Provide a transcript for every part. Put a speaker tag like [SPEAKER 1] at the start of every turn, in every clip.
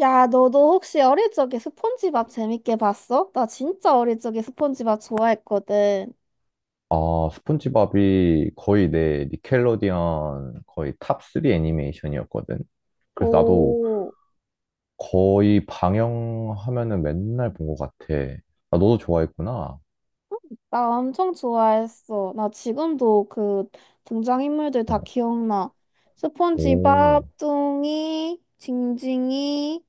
[SPEAKER 1] 야, 너도 혹시 어릴 적에 스폰지밥 재밌게 봤어? 나 진짜 어릴 적에 스폰지밥 좋아했거든.
[SPEAKER 2] 아, 스폰지밥이 거의 내 니켈로디언 거의 탑3 애니메이션이었거든. 그래서 나도
[SPEAKER 1] 오,
[SPEAKER 2] 거의 방영하면은 맨날 본 것 같아. 아, 너도 좋아했구나.
[SPEAKER 1] 나 엄청 좋아했어. 나 지금도 그 등장인물들
[SPEAKER 2] 어,
[SPEAKER 1] 다 기억나. 스폰지밥,
[SPEAKER 2] 오,
[SPEAKER 1] 뚱이, 징징이,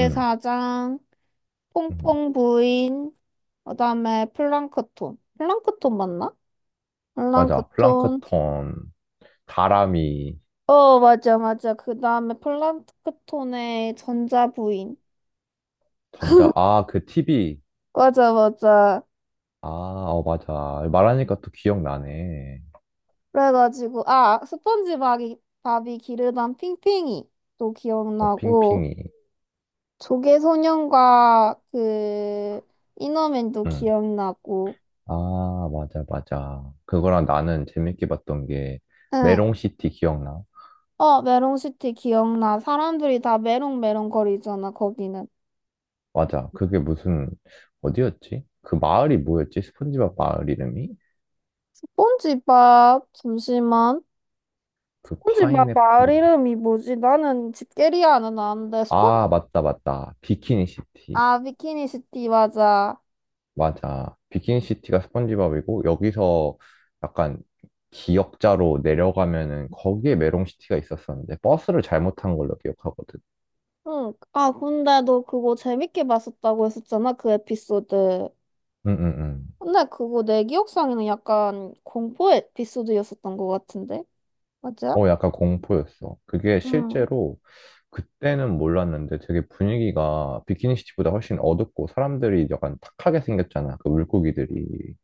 [SPEAKER 2] 음, 음.
[SPEAKER 1] 퐁퐁 부인, 그다음에 플랑크톤. 플랑크톤 맞나?
[SPEAKER 2] 맞아.
[SPEAKER 1] 플랑크톤.
[SPEAKER 2] 플랑크톤, 다람이,
[SPEAKER 1] 어, 맞아, 맞아. 그다음에 플랑크톤의 전자부인.
[SPEAKER 2] 전자, 아, 그 TV.
[SPEAKER 1] 맞아, 맞아.
[SPEAKER 2] 아, 어, 맞아. 말하니까 또 기억나네.
[SPEAKER 1] 그래가지고, 아, 스펀지밥이, 밥이 기르던 핑핑이도
[SPEAKER 2] 어,
[SPEAKER 1] 기억나고,
[SPEAKER 2] 핑핑이.
[SPEAKER 1] 조개소년과 그, 이너맨도
[SPEAKER 2] 응.
[SPEAKER 1] 기억나고,
[SPEAKER 2] 아, 맞아, 맞아. 그거랑 나는 재밌게 봤던 게
[SPEAKER 1] 응.
[SPEAKER 2] 메롱시티 기억나?
[SPEAKER 1] 어, 메롱시티 기억나. 사람들이 다 메롱메롱 거리잖아, 거기는.
[SPEAKER 2] 맞아. 그게 무슨, 어디였지? 그 마을이 뭐였지? 스폰지밥 마을 이름이?
[SPEAKER 1] 스폰지밥, 잠시만.
[SPEAKER 2] 그
[SPEAKER 1] 스폰지밥 마을
[SPEAKER 2] 파인애플.
[SPEAKER 1] 이름이 뭐지? 나는 집게리아는 아는데, 스폰지,
[SPEAKER 2] 아, 맞다, 맞다. 비키니 시티.
[SPEAKER 1] 아, 비키니시티, 맞아.
[SPEAKER 2] 맞아. 비키니 시티가 스폰지밥이고, 여기서 약간 기역자로 내려가면은 거기에 메롱 시티가 있었었는데, 버스를 잘못 탄 걸로 기억하거든.
[SPEAKER 1] 응. 아, 근데 너 그거 재밌게 봤었다고 했었잖아, 그 에피소드.
[SPEAKER 2] 응, 응, 응.
[SPEAKER 1] 근데 그거 내 기억상에는 약간 공포 에피소드였었던 것 같은데? 맞아?
[SPEAKER 2] 어, 약간 공포였어. 그게
[SPEAKER 1] 응.
[SPEAKER 2] 실제로 그때는 몰랐는데 되게 분위기가 비키니 시티보다 훨씬 어둡고 사람들이 약간 탁하게 생겼잖아. 그 물고기들이.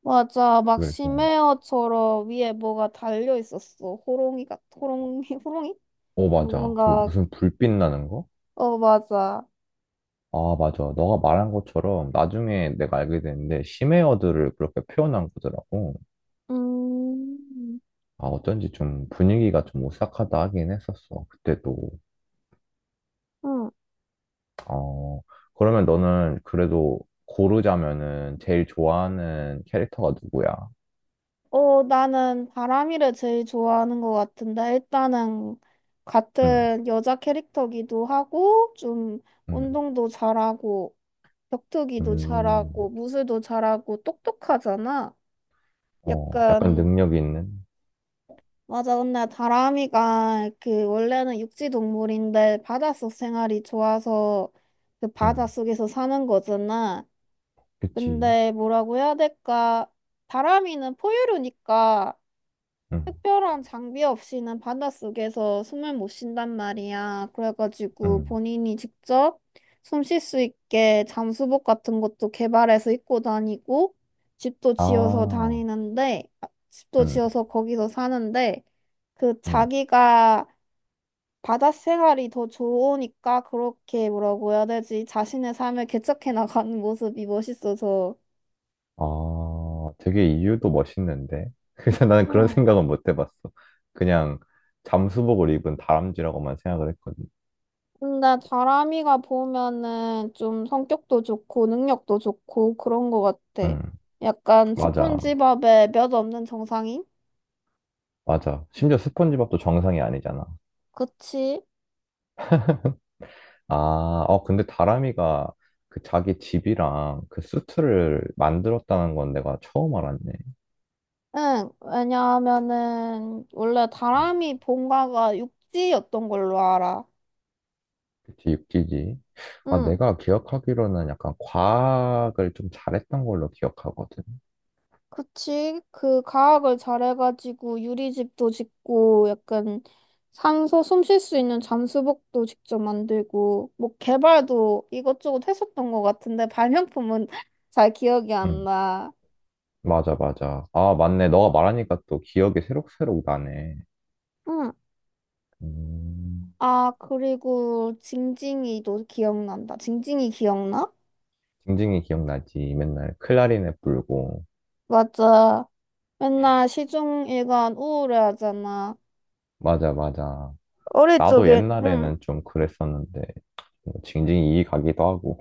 [SPEAKER 1] 맞아. 막
[SPEAKER 2] 그래서
[SPEAKER 1] 심해어처럼 위에 뭐가 달려 있었어. 호롱이, 호롱이? 어,
[SPEAKER 2] 어 맞아 그
[SPEAKER 1] 뭔가,
[SPEAKER 2] 무슨 불빛 나는 거?
[SPEAKER 1] 어, 맞아.
[SPEAKER 2] 아 맞아 너가 말한 것처럼 나중에 내가 알게 됐는데 심해어들을 그렇게 표현한 거더라고.
[SPEAKER 1] 음,
[SPEAKER 2] 아 어쩐지 좀 분위기가 좀 오싹하다 하긴 했었어, 그때도.
[SPEAKER 1] 응.
[SPEAKER 2] 어, 그러면 너는 그래도 고르자면은 제일 좋아하는 캐릭터가 누구야?
[SPEAKER 1] 어, 나는 바람이를 제일 좋아하는 것 같은데, 일단은
[SPEAKER 2] 응,
[SPEAKER 1] 같은 여자 캐릭터기도 하고, 좀
[SPEAKER 2] 응,
[SPEAKER 1] 운동도 잘하고, 격투기도
[SPEAKER 2] 음,
[SPEAKER 1] 잘하고, 무술도 잘하고, 똑똑하잖아.
[SPEAKER 2] 어, 약간
[SPEAKER 1] 약간,
[SPEAKER 2] 능력 있는?
[SPEAKER 1] 맞아. 근데 다람이가 그 원래는 육지 동물인데, 바닷속 생활이 좋아서 그
[SPEAKER 2] 응,
[SPEAKER 1] 바닷속에서 사는 거잖아.
[SPEAKER 2] 그치.
[SPEAKER 1] 근데 뭐라고 해야 될까? 다람이는 포유류니까,
[SPEAKER 2] 응,
[SPEAKER 1] 특별한 장비 없이는 바닷속에서 숨을 못 쉰단 말이야. 그래가지고
[SPEAKER 2] 응.
[SPEAKER 1] 본인이 직접 숨 쉴 수 있게 잠수복 같은 것도 개발해서 입고 다니고 집도 지어서
[SPEAKER 2] 아,
[SPEAKER 1] 다니는데 아, 집도
[SPEAKER 2] 응,
[SPEAKER 1] 지어서 거기서 사는데 그
[SPEAKER 2] 응.
[SPEAKER 1] 자기가 바다 생활이 더 좋으니까 그렇게 뭐라고 해야 되지? 자신의 삶을 개척해 나가는 모습이 멋있어서
[SPEAKER 2] 아, 되게 이유도 멋있는데. 그래서 나는 그런 생각은 못 해봤어. 그냥 잠수복을 입은 다람쥐라고만 생각을 했거든.
[SPEAKER 1] 근데 다람이가 보면은 좀 성격도 좋고 능력도 좋고 그런 것 같아.
[SPEAKER 2] 응,
[SPEAKER 1] 약간
[SPEAKER 2] 맞아,
[SPEAKER 1] 스폰지밥에 몇 없는 정상인?
[SPEAKER 2] 맞아. 심지어 스폰지밥도 정상이 아니잖아.
[SPEAKER 1] 그치?
[SPEAKER 2] 아, 어, 근데 다람이가 그 자기 집이랑 그 수트를 만들었다는 건 내가 처음 알았네.
[SPEAKER 1] 응, 왜냐하면은 원래
[SPEAKER 2] 음,
[SPEAKER 1] 다람이 본가가 육지였던 걸로 알아.
[SPEAKER 2] 그치, 육지지. 아,
[SPEAKER 1] 응.
[SPEAKER 2] 내가 기억하기로는 약간 과학을 좀 잘했던 걸로 기억하거든.
[SPEAKER 1] 그치? 그 가학을 잘해가지고 유리집도 짓고 약간 산소 숨 쉴 수 있는 잠수복도 직접 만들고 뭐 개발도 이것저것 했었던 것 같은데 발명품은 잘 기억이 안
[SPEAKER 2] 응.
[SPEAKER 1] 나.
[SPEAKER 2] 맞아, 맞아. 아, 맞네. 너가 말하니까 또 기억이 새록새록 나네.
[SPEAKER 1] 응.
[SPEAKER 2] 음,
[SPEAKER 1] 아, 그리고 징징이도 기억난다. 징징이 기억나?
[SPEAKER 2] 징징이 기억나지. 맨날 클라리넷 불고.
[SPEAKER 1] 맞아. 맨날 시중 일관 우울해하잖아.
[SPEAKER 2] 맞아, 맞아.
[SPEAKER 1] 어릴
[SPEAKER 2] 나도
[SPEAKER 1] 적에, 응.
[SPEAKER 2] 옛날에는 좀 그랬었는데, 뭐 징징이 이 가기도 하고.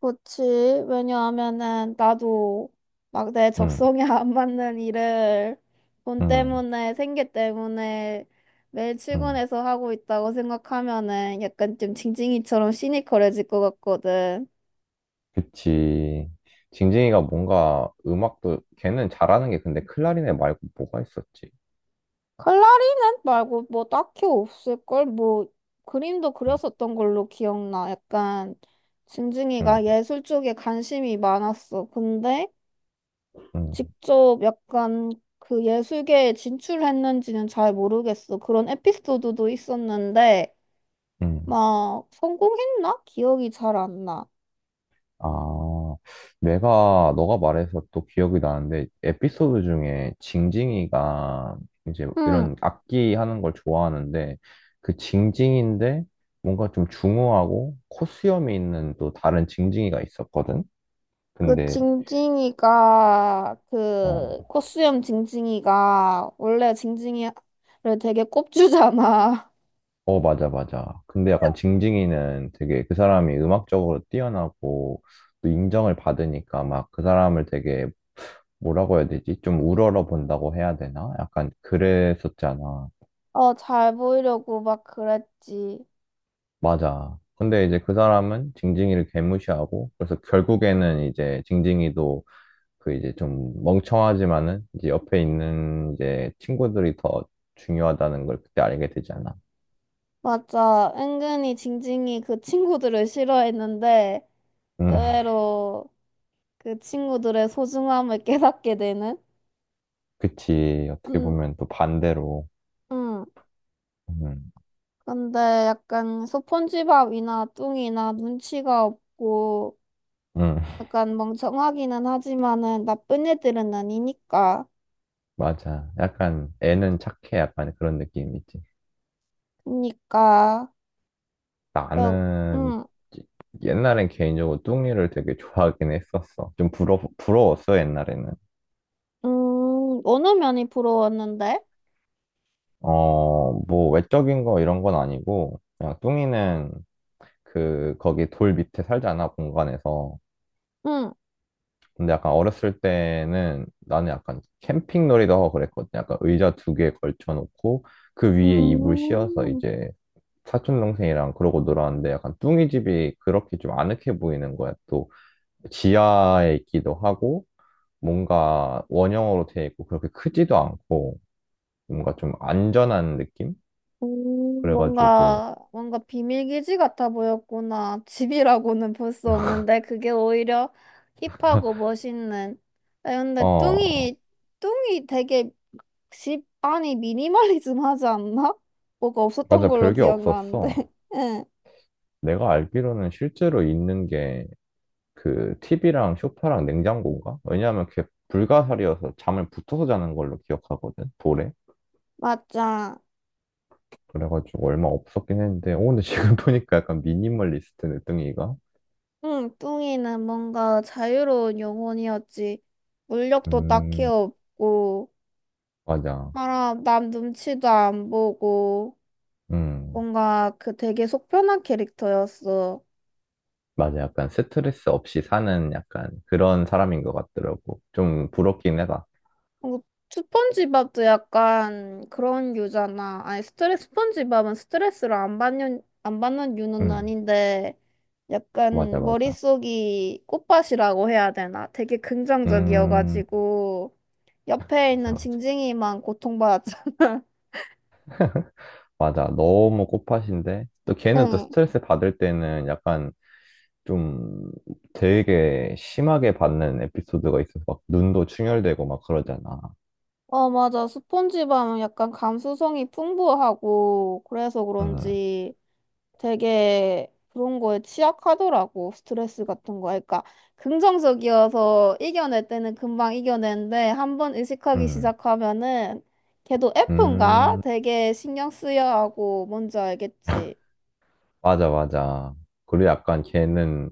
[SPEAKER 1] 그치. 왜냐하면은 나도 막 내
[SPEAKER 2] 응,
[SPEAKER 1] 적성에 안 맞는 일을 돈
[SPEAKER 2] 응,
[SPEAKER 1] 때문에, 생계 때문에 매일
[SPEAKER 2] 응.
[SPEAKER 1] 출근해서 하고 있다고 생각하면은 약간 좀 징징이처럼 시니컬해질 것 같거든.
[SPEAKER 2] 그치. 징징이가 뭔가 음악도, 걔는 잘하는 게 근데 클라리넷 말고 뭐가 있었지?
[SPEAKER 1] 칼라리넷 말고 뭐 딱히 없을걸? 뭐 그림도
[SPEAKER 2] 응,
[SPEAKER 1] 그렸었던 걸로 기억나. 약간
[SPEAKER 2] 응,
[SPEAKER 1] 징징이가 예술 쪽에 관심이 많았어. 근데
[SPEAKER 2] 응.
[SPEAKER 1] 직접 약간 그 예술계에 진출했는지는 잘 모르겠어. 그런 에피소드도 있었는데,
[SPEAKER 2] 응.
[SPEAKER 1] 막 성공했나? 기억이 잘 안 나.
[SPEAKER 2] 아, 내가, 너가 말해서 또 기억이 나는데, 에피소드 중에 징징이가 이제
[SPEAKER 1] 응.
[SPEAKER 2] 이런 악기 하는 걸 좋아하는데, 그 징징인데 뭔가 좀 중후하고 코수염이 있는 또 다른 징징이가 있었거든?
[SPEAKER 1] 그
[SPEAKER 2] 근데,
[SPEAKER 1] 징징이가, 그
[SPEAKER 2] 어,
[SPEAKER 1] 코수염 징징이가 원래 징징이를 되게 꼽주잖아.
[SPEAKER 2] 어, 맞아, 맞아. 근데 약간 징징이는 되게 그 사람이 음악적으로 뛰어나고 또 인정을 받으니까 막 그 사람을 되게 뭐라고 해야 되지? 좀 우러러 본다고 해야 되나? 약간 그랬었잖아.
[SPEAKER 1] 어, 잘 보이려고 막 그랬지.
[SPEAKER 2] 맞아. 근데 이제 그 사람은 징징이를 개무시하고, 그래서 결국에는 이제 징징이도 그 이제 좀 멍청하지만은 이제 옆에 있는 이제 친구들이 더 중요하다는 걸 그때 알게 되잖아.
[SPEAKER 1] 맞아. 은근히 징징이 그 친구들을 싫어했는데,
[SPEAKER 2] 음,
[SPEAKER 1] 의외로 그 친구들의 소중함을 깨닫게 되는?
[SPEAKER 2] 그치. 어떻게
[SPEAKER 1] 음,
[SPEAKER 2] 보면 또 반대로.
[SPEAKER 1] 음.
[SPEAKER 2] 음,
[SPEAKER 1] 근데 약간 소폰지밥이나 뚱이나 눈치가 없고
[SPEAKER 2] 음,
[SPEAKER 1] 약간 멍청하기는 하지만은 나쁜 애들은 아니니까.
[SPEAKER 2] 맞아. 약간 애는 착해. 약간 그런 느낌이지.
[SPEAKER 1] 그니까, 러
[SPEAKER 2] 나는
[SPEAKER 1] 음,
[SPEAKER 2] 옛날엔 개인적으로 뚱이를 되게 좋아하긴 했었어. 좀 부러웠어, 옛날에는.
[SPEAKER 1] 어느 면이 부러웠는데?
[SPEAKER 2] 어, 뭐, 외적인 거 이런 건 아니고, 그냥 뚱이는 그, 거기 돌 밑에 살잖아, 공간에서.
[SPEAKER 1] 응.
[SPEAKER 2] 근데 약간 어렸을 때는 나는 약간 캠핑 놀이도 하고 그랬거든. 약간 의자 두 개 걸쳐놓고, 그 위에 이불 씌워서
[SPEAKER 1] 음.
[SPEAKER 2] 이제 사촌동생이랑 그러고 놀았는데, 약간 뚱이 집이 그렇게 좀 아늑해 보이는 거야. 또, 지하에 있기도 하고, 뭔가 원형으로 돼 있고, 그렇게 크지도 않고, 뭔가 좀 안전한 느낌? 그래가지고,
[SPEAKER 1] 뭔가, 뭔가 비밀기지 같아 보였구나. 집이라고는 볼 수 없는데, 그게 오히려 힙하고 멋있는. 아, 근데
[SPEAKER 2] 어,
[SPEAKER 1] 뚱이, 뚱이 되게 집 안이 미니멀리즘 하지 않나? 뭐가 없었던
[SPEAKER 2] 맞아,
[SPEAKER 1] 걸로
[SPEAKER 2] 별게
[SPEAKER 1] 기억나는데.
[SPEAKER 2] 없었어.
[SPEAKER 1] 응,
[SPEAKER 2] 내가 알기로는 실제로 있는 게 그 TV랑 소파랑 냉장고인가? 왜냐하면 그게 불가사리여서 잠을 붙어서 자는 걸로 기억하거든, 돌에.
[SPEAKER 1] 맞아.
[SPEAKER 2] 그래가지고 얼마 없었긴 했는데, 오, 근데 지금 보니까 약간 미니멀리스트 늦둥이가?
[SPEAKER 1] 응, 뚱이는 뭔가 자유로운 영혼이었지. 물력도 딱히
[SPEAKER 2] 음,
[SPEAKER 1] 없고,
[SPEAKER 2] 맞아.
[SPEAKER 1] 알아 남 눈치도 안 보고.
[SPEAKER 2] 음,
[SPEAKER 1] 뭔가 그 되게 속편한 캐릭터였어.
[SPEAKER 2] 맞아. 약간 스트레스 없이 사는 약간 그런 사람인 것 같더라고. 좀 부럽긴 해다.
[SPEAKER 1] 어, 스폰지밥도 약간 그런 유잖아. 아니, 스트레스, 스폰지밥은 스트레스를 안 받는 유는
[SPEAKER 2] 음,
[SPEAKER 1] 아닌데,
[SPEAKER 2] 맞아,
[SPEAKER 1] 약간
[SPEAKER 2] 맞아.
[SPEAKER 1] 머릿속이 꽃밭이라고 해야 되나? 되게
[SPEAKER 2] 음,
[SPEAKER 1] 긍정적이어가지고, 옆에 있는
[SPEAKER 2] 맞아.
[SPEAKER 1] 징징이만 고통받았잖아.
[SPEAKER 2] 맞아. 너무 꽃밭인데 또 걔는 또
[SPEAKER 1] 응.
[SPEAKER 2] 스트레스 받을 때는 약간 좀 되게 심하게 받는 에피소드가 있어서 막 눈도 충혈되고 막 그러잖아.
[SPEAKER 1] 어, 맞아. 스폰지밥은 약간 감수성이 풍부하고, 그래서
[SPEAKER 2] 응,
[SPEAKER 1] 그런지, 되게 그런 거에 취약하더라고. 스트레스 같은 거. 그러니까 긍정적이어서 이겨낼 때는 금방 이겨내는데 한 번 의식하기
[SPEAKER 2] 응,
[SPEAKER 1] 시작하면은 걔도 F인가?
[SPEAKER 2] 음,
[SPEAKER 1] 되게 신경 쓰여 하고 뭔지 알겠지.
[SPEAKER 2] 맞아, 맞아. 그리고 약간 걔는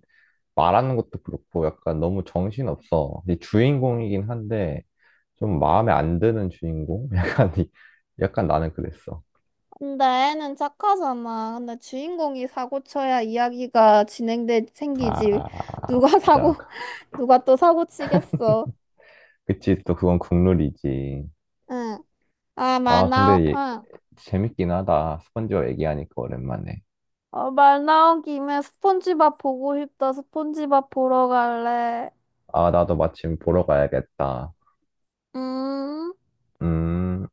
[SPEAKER 2] 말하는 것도 그렇고 약간 너무 정신없어. 이 주인공이긴 한데 좀 마음에 안 드는 주인공? 약간, 약간 나는 그랬어.
[SPEAKER 1] 근데 애는 착하잖아. 근데 주인공이 사고 쳐야 이야기가 진행돼 생기지.
[SPEAKER 2] 아,
[SPEAKER 1] 누가 사고
[SPEAKER 2] 맞아.
[SPEAKER 1] 누가 또 사고 치겠어.
[SPEAKER 2] 그치, 또 그건 국룰이지.
[SPEAKER 1] 응. 아, 말
[SPEAKER 2] 아, 근데
[SPEAKER 1] 나오. 응.
[SPEAKER 2] 재밌긴 하다. 스펀지밥 얘기하니까 오랜만에.
[SPEAKER 1] 어, 말 나온 김에 스폰지밥 보고 싶다. 스폰지밥 보러 갈래.
[SPEAKER 2] 아, 나도 마침 보러 가야겠다.
[SPEAKER 1] 음.
[SPEAKER 2] 음.